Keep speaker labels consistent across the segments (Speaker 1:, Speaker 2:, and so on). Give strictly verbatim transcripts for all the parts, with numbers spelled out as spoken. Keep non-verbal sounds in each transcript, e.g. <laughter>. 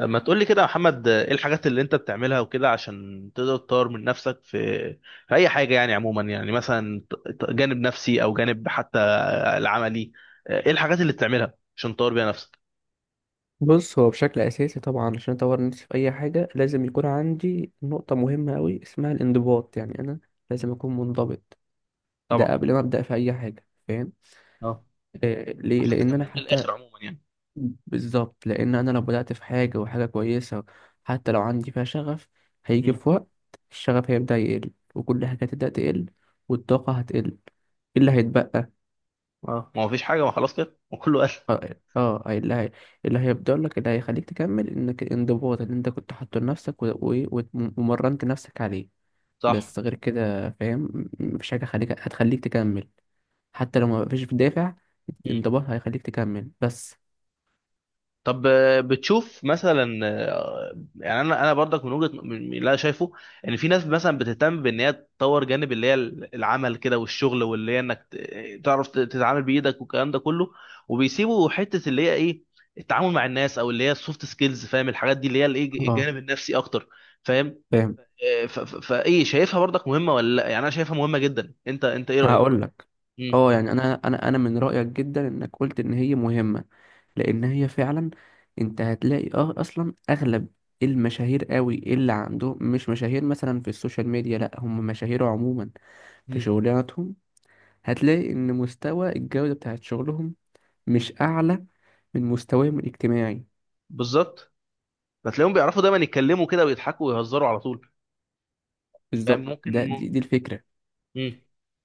Speaker 1: ما تقولي كده يا محمد، ايه الحاجات اللي انت بتعملها وكده عشان تقدر تطور من نفسك في في اي حاجة؟ يعني عموما، يعني مثلا ت- ت- جانب نفسي او جانب حتى العملي. ايه الحاجات اللي بتعملها عشان تطور بيها نفسك؟
Speaker 2: بص، هو بشكل اساسي طبعا عشان اطور نفسي في اي حاجه لازم يكون عندي نقطه مهمه قوي اسمها الانضباط. يعني انا لازم اكون منضبط. ده
Speaker 1: طبعا.
Speaker 2: قبل ما ابدا في اي حاجه، فاهم؟
Speaker 1: اه.
Speaker 2: آه، ليه؟
Speaker 1: عشان
Speaker 2: لان انا
Speaker 1: تكملها
Speaker 2: حتى...
Speaker 1: للآخر عموما يعني.
Speaker 2: بالظبط. لان انا لو بدات في حاجه وحاجه كويسه، حتى لو عندي فيها شغف، هيجي
Speaker 1: امم.
Speaker 2: في وقت الشغف هيبدا يقل، وكل حاجه هتبدا تقل، والطاقه هتقل. إيه اللي هيتبقى؟
Speaker 1: اه، ما هو فيش حاجة، ما خلاص كده وكله قال.
Speaker 2: اه. آه، آه، اللي هي... اللي هيفضل لك، اللي هيخليك تكمل، انك الانضباط اللي انت كنت حاطه لنفسك و- و- و- ومرنت نفسك عليه.
Speaker 1: صح.
Speaker 2: بس غير كده، فاهم؟ م- مفيش حاجة خليك هتخليك تكمل، حتى لو مفيش دافع.
Speaker 1: مم.
Speaker 2: الانضباط هيخليك تكمل بس.
Speaker 1: طب، آه، بتشوف مثلا، آه، يعني انا انا برضك من وجهه، من من اللي انا شايفه ان في ناس مثلا بتهتم بان هي تطور جانب اللي هي العمل كده والشغل، واللي هي انك ت- تعرف ت- تتعامل بايدك والكلام ده كله، وبيسيبوا حته اللي هي ايه، التعامل مع الناس او اللي هي السوفت سكيلز، فاهم؟ الحاجات دي اللي هي الايه،
Speaker 2: اه،
Speaker 1: الجانب النفسي اكتر. فاهم.
Speaker 2: فاهم.
Speaker 1: آه، ف- ف- فايه، شايفها برضك مهمه ولا لا؟ يعني انا شايفها مهمه جدا، انت انت ايه رايك؟
Speaker 2: هقول لك.
Speaker 1: مم.
Speaker 2: اه، يعني انا انا انا من رأيك جدا انك قلت ان هي مهمة. لان هي فعلا... انت هتلاقي اه اصلا اغلب المشاهير قوي، اللي عندهم مش مشاهير مثلا في السوشيال ميديا، لا هم مشاهير عموما في
Speaker 1: مم.
Speaker 2: شغلاتهم. هتلاقي إن مستوى الجودة بتاعت شغلهم مش أعلى من مستواهم الاجتماعي.
Speaker 1: بالظبط، هتلاقيهم بيعرفوا دايما يتكلموا كده ويضحكوا ويهزروا على طول. فاهم
Speaker 2: بالظبط،
Speaker 1: ممكن.
Speaker 2: ده دي, دي الفكرة.
Speaker 1: مم.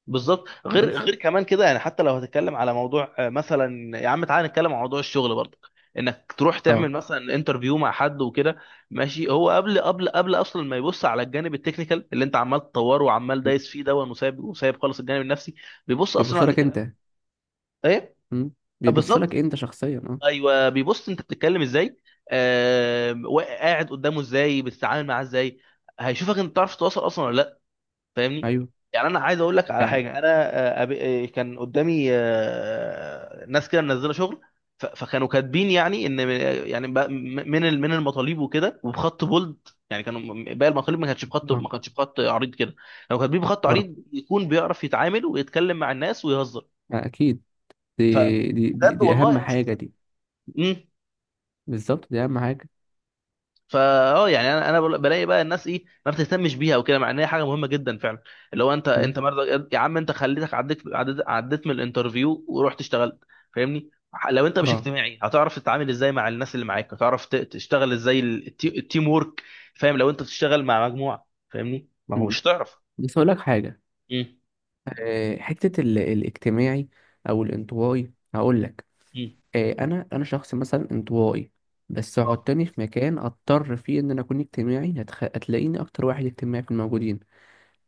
Speaker 1: بالظبط. غير
Speaker 2: بس.
Speaker 1: غير كمان كده، يعني حتى لو هتتكلم على موضوع، آه، مثلا يا عم تعالى نتكلم عن موضوع الشغل برضه، انك تروح
Speaker 2: اه
Speaker 1: تعمل مثلا انترفيو مع حد وكده. ماشي، هو قبل قبل قبل اصلا ما يبص على الجانب التكنيكال اللي انت عمال تطوره وعمال دايس فيه دون، وسايب وسايب خالص الجانب النفسي، بيبص اصلا
Speaker 2: بيبص لك
Speaker 1: عليك الاول.
Speaker 2: أنت.
Speaker 1: ايه.
Speaker 2: مم. بيبص لك
Speaker 1: بالظبط.
Speaker 2: أنت شخصيا، اه.
Speaker 1: ايوه، بيبص انت بتتكلم ازاي، آه قاعد قدامه ازاي، بتتعامل معاه ازاي، هيشوفك انت بتعرف تتواصل اصلا ولا لا. فاهمني؟
Speaker 2: أيوه،
Speaker 1: يعني انا عايز اقول لك على
Speaker 2: فعلا،
Speaker 1: حاجه، انا آه، أب- آه، كان قدامي، آه، ناس كده منزله شغل، ف- فكانوا كاتبين يعني ان، يعني ب- من ال- من المطالب وكده وبخط بولد، يعني كانوا م- باقي المطالب، ما كانتش بخط
Speaker 2: اه،
Speaker 1: ما كانتش بخط عريض كده، لو كاتبين بخط
Speaker 2: اه،
Speaker 1: عريض يكون بيعرف يتعامل ويتكلم مع الناس ويهزر،
Speaker 2: آه، أكيد. دي دي دي,
Speaker 1: فبجد
Speaker 2: دي
Speaker 1: والله
Speaker 2: أهم
Speaker 1: انا
Speaker 2: حاجة
Speaker 1: شفتها.
Speaker 2: دي. بالظبط، دي أهم حاجة.
Speaker 1: فا اه، يعني انا انا بل- بلاقي بقى الناس ايه، ما بتهتمش بيها وكده، مع ان هي حاجه مهمه جدا فعلا، اللي هو انت
Speaker 2: مم.
Speaker 1: انت مرضى يا عم، انت خليتك عديت عديت, عديت من الانترفيو ورحت اشتغلت. فاهمني؟ ح- لو انت مش
Speaker 2: اه.
Speaker 1: اجتماعي، هتعرف تتعامل ازاي مع الناس اللي معاك؟ هتعرف ت- تشتغل ازاي ال- التي- التيم وورك؟ فاهم؟ لو انت بتشتغل مع مجموعه، فاهمني، ما هو
Speaker 2: مم.
Speaker 1: مش هتعرف.
Speaker 2: بس أقول لك حاجة.
Speaker 1: امم.
Speaker 2: آه، حتة ال- الاجتماعي أو الانطوائي، هقول لك.
Speaker 1: امم.
Speaker 2: آه، انا انا شخص مثلا انطوائي. بس
Speaker 1: اه،
Speaker 2: حطني في مكان اضطر فيه ان انا اكون اجتماعي، هتخ... هتلاقيني اكتر واحد اجتماعي في الموجودين،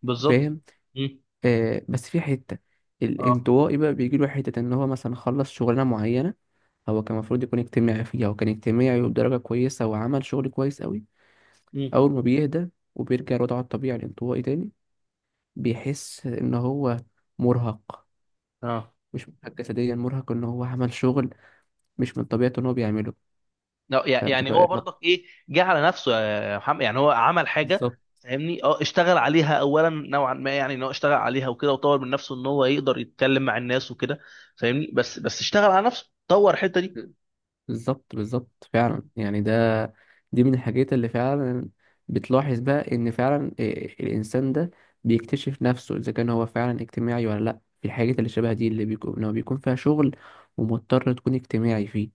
Speaker 1: بالظبط.
Speaker 2: فاهم؟
Speaker 1: امم.
Speaker 2: آه. بس في حته
Speaker 1: اه.
Speaker 2: الانطوائي بقى بيجي له حته ان هو مثلا خلص شغلانه معينه، هو كان المفروض يكون اجتماعي فيها، وكان اجتماعي وبدرجه كويسه، وعمل شغل كويس قوي.
Speaker 1: امم.
Speaker 2: اول ما بيهدى وبيرجع لوضعه الطبيعي الانطوائي تاني، بيحس ان هو مرهق.
Speaker 1: اه.
Speaker 2: مش مرهق جسديا، مرهق ان هو عمل شغل مش من طبيعته ان هو بيعمله.
Speaker 1: لا، يع- يعني
Speaker 2: فبتبقى
Speaker 1: هو
Speaker 2: ارهاق.
Speaker 1: برضك ايه، جه على نفسه، آه، يا محمد، يعني هو عمل حاجه.
Speaker 2: بالظبط،
Speaker 1: فاهمني؟ اه، اشتغل عليها اولا نوعا ما، يعني ان هو اشتغل عليها وكده، وطور من نفسه ان هو يقدر يتكلم مع الناس وكده. فاهمني؟ بس بس اشتغل على نفسه، طور الحته دي.
Speaker 2: بالظبط بالظبط فعلا يعني. ده دي من الحاجات اللي فعلا بتلاحظ بقى ان فعلا إيه الانسان ده بيكتشف نفسه اذا كان هو فعلا اجتماعي ولا لا، في الحاجات اللي شبه دي، اللي بيكون، لو بيكون فيها شغل ومضطر تكون اجتماعي فيه،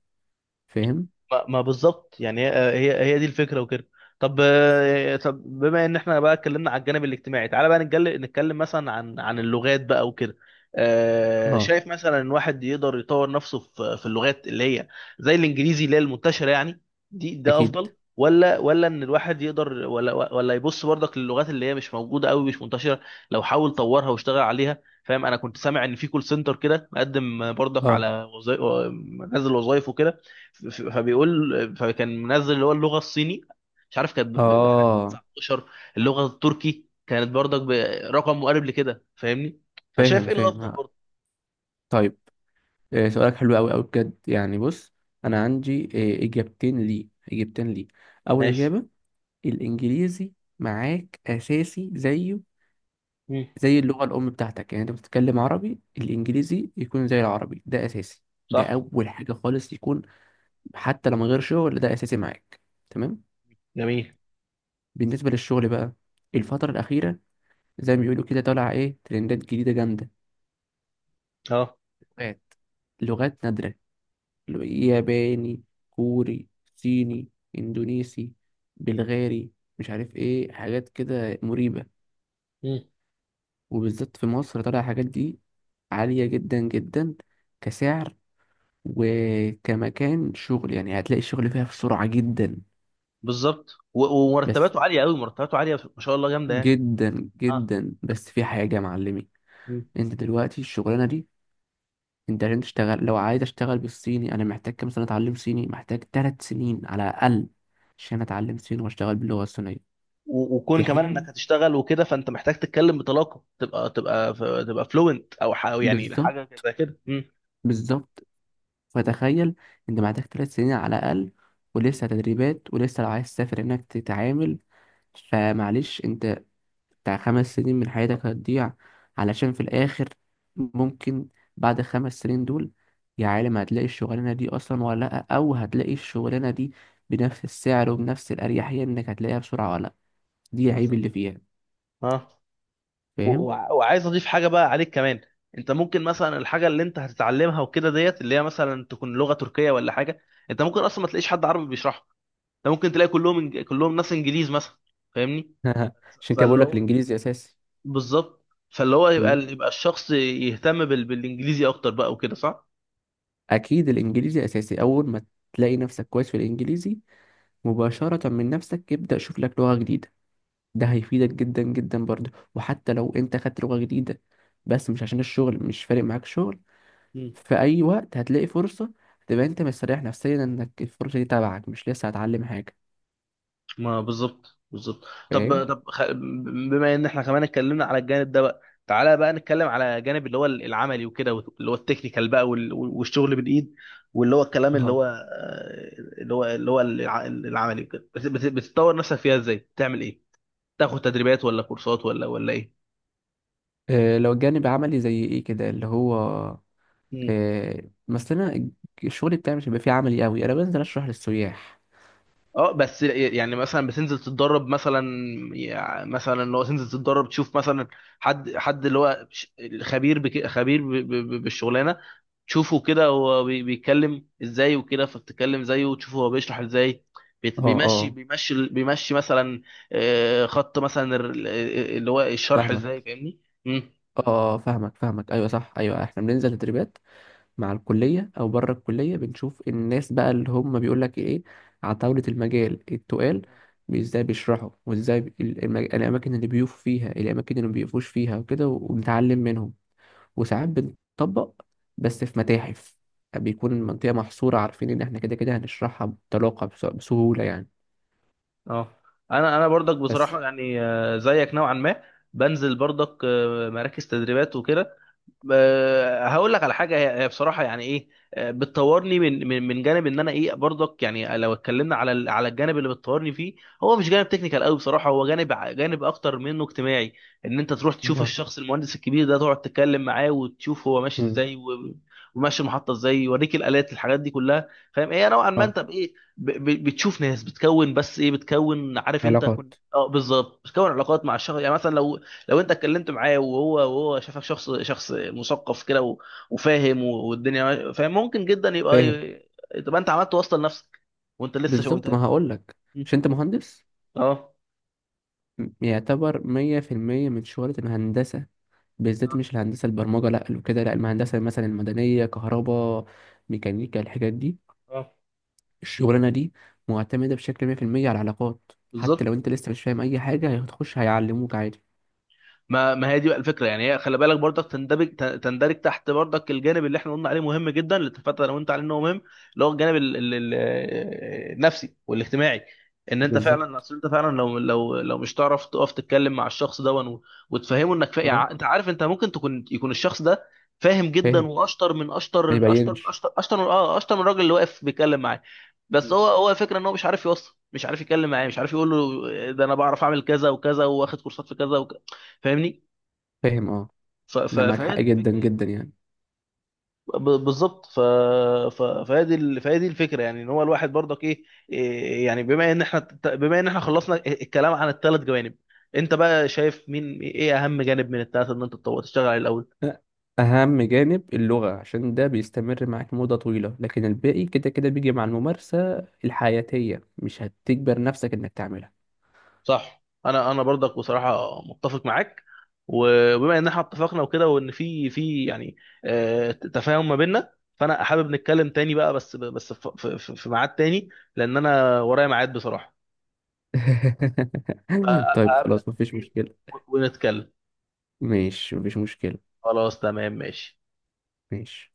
Speaker 2: فاهم؟
Speaker 1: ما ما بالظبط، يعني هي، هي هي دي الفكره وكده. طب، آه، طب بما ان احنا بقى اتكلمنا على الجانب الاجتماعي، تعالى بقى نتكلم نتكلم مثلا عن عن اللغات بقى وكده. آه،
Speaker 2: اه.
Speaker 1: شايف مثلا ان واحد يقدر يطور نفسه في في اللغات اللي هي زي الانجليزي، اللي هي المنتشره يعني، دي ده
Speaker 2: اكيد.
Speaker 1: افضل؟ ولا ولا ان الواحد يقدر ولا ولا يبص برضك للغات اللي هي مش موجوده قوي، مش منتشره، لو حاول طورها واشتغل عليها؟ فاهم؟ انا كنت سامع ان في كول سنتر كده مقدم برضك
Speaker 2: اه،
Speaker 1: على وظائف، مجال الوظائف وكده، ف- ف- فبيقول فكان منزل اللي هو اللغه الصيني، مش عارف كانت ب ب- بح- ب
Speaker 2: اه،
Speaker 1: تسعتاشر، اللغه التركي كانت برضك برقم مقارب لكده. فاهمني؟ فشايف
Speaker 2: فاهم،
Speaker 1: ايه
Speaker 2: فاهم.
Speaker 1: الافضل
Speaker 2: ها،
Speaker 1: برضه؟
Speaker 2: طيب، إيه سؤالك حلو قوي قوي بجد يعني. بص، انا عندي إيه اجابتين ليه، اجابتين ليه. اول
Speaker 1: ماشي.
Speaker 2: اجابة، الانجليزي معاك اساسي زيه،
Speaker 1: مم.
Speaker 2: زي اللغة الأم بتاعتك. يعني أنت بتتكلم عربي، الإنجليزي يكون زي العربي، ده أساسي. ده
Speaker 1: صح.
Speaker 2: أول حاجة خالص، يكون حتى لو من غير شغل ده أساسي معاك. تمام.
Speaker 1: جميل.
Speaker 2: بالنسبة للشغل بقى، الفترة الأخيرة زي ما بيقولوا كده، طالع إيه ترندات جديدة جامدة.
Speaker 1: اه.
Speaker 2: لغات، لغات نادرة. لو- ياباني، كوري، صيني، إندونيسي، بلغاري، مش عارف إيه حاجات كده مريبة.
Speaker 1: مم.
Speaker 2: وبالذات في مصر طالع حاجات دي عالية جدا جدا كسعر، وكمكان شغل. يعني هتلاقي الشغل فيها بسرعة جدا
Speaker 1: بالظبط. و-
Speaker 2: بس،
Speaker 1: ومرتباته عاليه قوي، مرتباته عاليه ما شاء الله، جامده يعني.
Speaker 2: جدا
Speaker 1: اه.
Speaker 2: جدا. بس في حاجة يا معلمي.
Speaker 1: مم.
Speaker 2: انت دلوقتي الشغلانة دي، انت عشان تشتغل، لو عايز اشتغل بالصيني، انا محتاج كام سنة اتعلم صيني؟ محتاج ثلاث سنين على الاقل عشان اتعلم صيني واشتغل باللغة الصينية.
Speaker 1: و- وكون
Speaker 2: في
Speaker 1: كمان انك
Speaker 2: حين...
Speaker 1: هتشتغل وكده، فانت محتاج تتكلم بطلاقه، تبقى تبقى تبقى فلوينت او ح- أو يعني
Speaker 2: بالظبط،
Speaker 1: حاجه زي كده. مم.
Speaker 2: بالظبط. فتخيل، انت محتاج ثلاث سنين على الاقل، ولسه تدريبات، ولسه لو عايز تسافر انك تتعامل. فمعلش، انت بتاع خمس سنين من حياتك هتضيع، علشان في الآخر ممكن بعد خمس سنين دول يا عالم هتلاقي الشغلانة دي أصلا ولا لأ، أو هتلاقي الشغلانة دي بنفس السعر وبنفس الأريحية، إنك هتلاقيها بسرعة ولا لأ. دي العيب
Speaker 1: بالظبط.
Speaker 2: اللي فيها،
Speaker 1: اه. و-
Speaker 2: فاهم؟
Speaker 1: وع- وعايز اضيف حاجه بقى عليك كمان، انت ممكن مثلا الحاجه اللي انت هتتعلمها وكده ديت، اللي هي مثلا تكون لغه تركيه ولا حاجه، انت ممكن اصلا ما تلاقيش حد عربي بيشرحها، انت ممكن تلاقي كلهم إنج... كلهم ناس انجليز مثلا. فاهمني؟
Speaker 2: <laughs> عشان كده
Speaker 1: فاللي
Speaker 2: بقول لك
Speaker 1: هو
Speaker 2: الإنجليزي أساسي.
Speaker 1: بالظبط، فاللي هو يبقى،
Speaker 2: مم.
Speaker 1: يبقى الشخص يهتم بال... بالانجليزي اكتر بقى وكده، صح؟
Speaker 2: أكيد الإنجليزي أساسي. أول ما تلاقي نفسك كويس في الإنجليزي، مباشرة من نفسك ابدأ شوف لك لغة جديدة. ده هيفيدك جدا جدا برضه. وحتى لو أنت خدت لغة جديدة، بس مش عشان الشغل، مش فارق معاك شغل، في اي وقت هتلاقي فرصه، تبقى انت مستريح نفسيا انك الفرصه دي تبعك، مش لسه هتعلم حاجه.
Speaker 1: ما بالظبط بالظبط
Speaker 2: فاهم؟
Speaker 1: طب، طب خ... بما ان احنا كمان اتكلمنا على الجانب ده بقى، تعالى بقى نتكلم على جانب اللي هو العملي وكده، اللي هو التكنيكال بقى وال... والشغل بالايد، واللي هو الكلام اللي
Speaker 2: اه.
Speaker 1: هو، آه، اللي هو اللي هو الع... العملي وكده، بت... بت... بتطور نفسك فيها ازاي؟ بتعمل ايه؟ تاخد تدريبات ولا كورسات ولا ولا ايه؟
Speaker 2: آه، لو الجانب عملي زي ايه كده، اللي هو...
Speaker 1: مم.
Speaker 2: آه، مثلا الج- الشغل بتاعي مش هيبقى فيه عملي قوي، انا بنزل اشرح للسياح.
Speaker 1: اه، بس يعني مثلا بتنزل تتدرب مثلا، يعني مثلا اللي هو تنزل تتدرب تشوف مثلا، حد حد اللي هو ش- خبير بك... خبير ب... ب... ب- بالشغلانه، تشوفه كده هو بي- بيتكلم ازاي وكده، فبتتكلم زيه وتشوفه هو بيشرح ازاي، بيت-
Speaker 2: اه،
Speaker 1: بيمشي
Speaker 2: اه،
Speaker 1: بيمشي بيمشي مثلا، آه، خط مثلا ال- اللي هو الشرح ازاي.
Speaker 2: فاهمك،
Speaker 1: فاهمني؟ مم.
Speaker 2: اه. آه، فاهمك، فاهمك. ايوه، صح. ايوه، احنا بننزل تدريبات مع الكلية أو بره الكلية، بنشوف الناس بقى اللي هم بيقول لك إيه عتاولة المجال التقال، بي- إزاي بيشرحوا، وإزاي بي- المج... الأماكن اللي بيقفوا فيها، الأماكن اللي مبيقفوش فيها وكده، وبنتعلم منهم. وساعات بنطبق، بس في متاحف بيكون المنطقة محصورة، عارفين إن إحنا كده كده هنشرحها بطلاقة، بس- بسهولة يعني.
Speaker 1: اه، انا انا برضك
Speaker 2: بس.
Speaker 1: بصراحه، يعني آه، زيك نوعا ما، بنزل برضك آه، مراكز تدريبات وكده. آه، هقول لك على حاجه، هي هي بصراحه يعني ايه، آه، بتطورني من من من جانب ان انا ايه، برضك يعني، لو اتكلمنا على ال- على الجانب اللي بتطورني فيه، هو مش جانب تكنيكال قوي بصراحه، هو جانب ع- جانب اكتر منه اجتماعي. ان انت تروح تشوف
Speaker 2: اه.
Speaker 1: الشخص المهندس الكبير ده، تقعد تتكلم معاه وتشوف هو ماشي
Speaker 2: مم.
Speaker 1: ازاي، و- وماشي المحطه ازاي، يوريك الالات، الحاجات دي كلها. فاهم؟ ايه نوعا ما،
Speaker 2: اه.
Speaker 1: انت بايه، ب- ب- بتشوف ناس بتكون بس ايه، بتكون عارف انت
Speaker 2: علاقات.
Speaker 1: كن... اه بالظبط، بتكون علاقات مع الشخص، يعني مثلا لو لو انت اتكلمت معاه، وهو وهو شافك شخص شخص مثقف كده و- وفاهم، و- والدنيا ماشية، فاهم؟ ممكن جدا يبقى،
Speaker 2: فاهم؟
Speaker 1: ي- تبقى انت عملت واسطه لنفسك وانت لسه شو
Speaker 2: بالظبط،
Speaker 1: انت.
Speaker 2: ما هقولك، مش أنت مهندس؟
Speaker 1: اه.
Speaker 2: يعتبر مية في المية من شغلة الهندسة. بالذات
Speaker 1: اه.
Speaker 2: مش الهندسة البرمجة لأ، لو كده لأ، الهندسة مثلا المدنية، كهرباء، ميكانيكا، الحاجات دي.
Speaker 1: اه،
Speaker 2: الشغلانة دي معتمدة بشكل مية في المية على العلاقات. حتى
Speaker 1: بالظبط.
Speaker 2: لو أنت لسه مش فاهم أي حاجة هتخش هيعلموك عادي.
Speaker 1: ما ما هي دي بقى الفكره يعني، هي خلي بالك برضك تندرج، تن- تندرج تحت برضك الجانب اللي احنا قلنا عليه مهم جدا، اللي اتفقت انا وانت عليه انه مهم، اللي هو الجانب ال- ال- ال- النفسي والاجتماعي. ان انت فعلا،
Speaker 2: بالظبط.
Speaker 1: اصل انت فعلا لو لو لو مش تعرف تقف تتكلم مع الشخص ده ون- وتفهمه انك فا...
Speaker 2: اه،
Speaker 1: يعني انت عارف، انت ممكن تكون، يكون الشخص ده فاهم جدا،
Speaker 2: فاهم.
Speaker 1: واشطر من
Speaker 2: ما
Speaker 1: اشطر اشطر من
Speaker 2: يبينش.
Speaker 1: اشطر اشطر من اه اشطر من الراجل اللي واقف بيتكلم معاه، بس هو هو الفكره ان هو مش عارف يوصل، مش عارف يتكلم معاه، مش عارف يقول له، آه، ده انا بعرف اعمل كذا وكذا، واخد كورسات في كذا وكذا. فاهمني؟
Speaker 2: فاهم. اه،
Speaker 1: ف- ف-
Speaker 2: أنا معاك
Speaker 1: فهي
Speaker 2: حق
Speaker 1: دي
Speaker 2: جدا
Speaker 1: الفكره يعني.
Speaker 2: جدا يعني.
Speaker 1: ب- بالظبط. ف... ف... فهي دي ال- فهي دي الفكره يعني، ان هو الواحد برضك ايه، إيه يعني، بما ان احنا بما ان احنا خلصنا الكلام عن الثلاث جوانب، انت بقى شايف مين، ايه اهم جانب من الثلاثه ان انت تطور تشتغل عليه الاول؟
Speaker 2: أهم جانب اللغة، عشان ده بيستمر معاك مدة طويلة، لكن الباقي كده كده بيجي مع الممارسة الحياتية، مش هتجبر نفسك إنك تعملها.
Speaker 1: صح. انا انا برضك بصراحه متفق معاك. وبما ان احنا اتفقنا وكده، وان في في يعني آه، تفاهم ما بيننا، فانا حابب نتكلم تاني بقى، بس بس في في- في- في ميعاد تاني، لان انا ورايا ميعاد بصراحه.
Speaker 2: <laughs> طيب
Speaker 1: فاقابلك
Speaker 2: خلاص، مفيش
Speaker 1: تاني
Speaker 2: مشكلة.
Speaker 1: ونتكلم.
Speaker 2: ماشي، مفيش مشكلة.
Speaker 1: خلاص، تمام، ماشي.
Speaker 2: ماشي.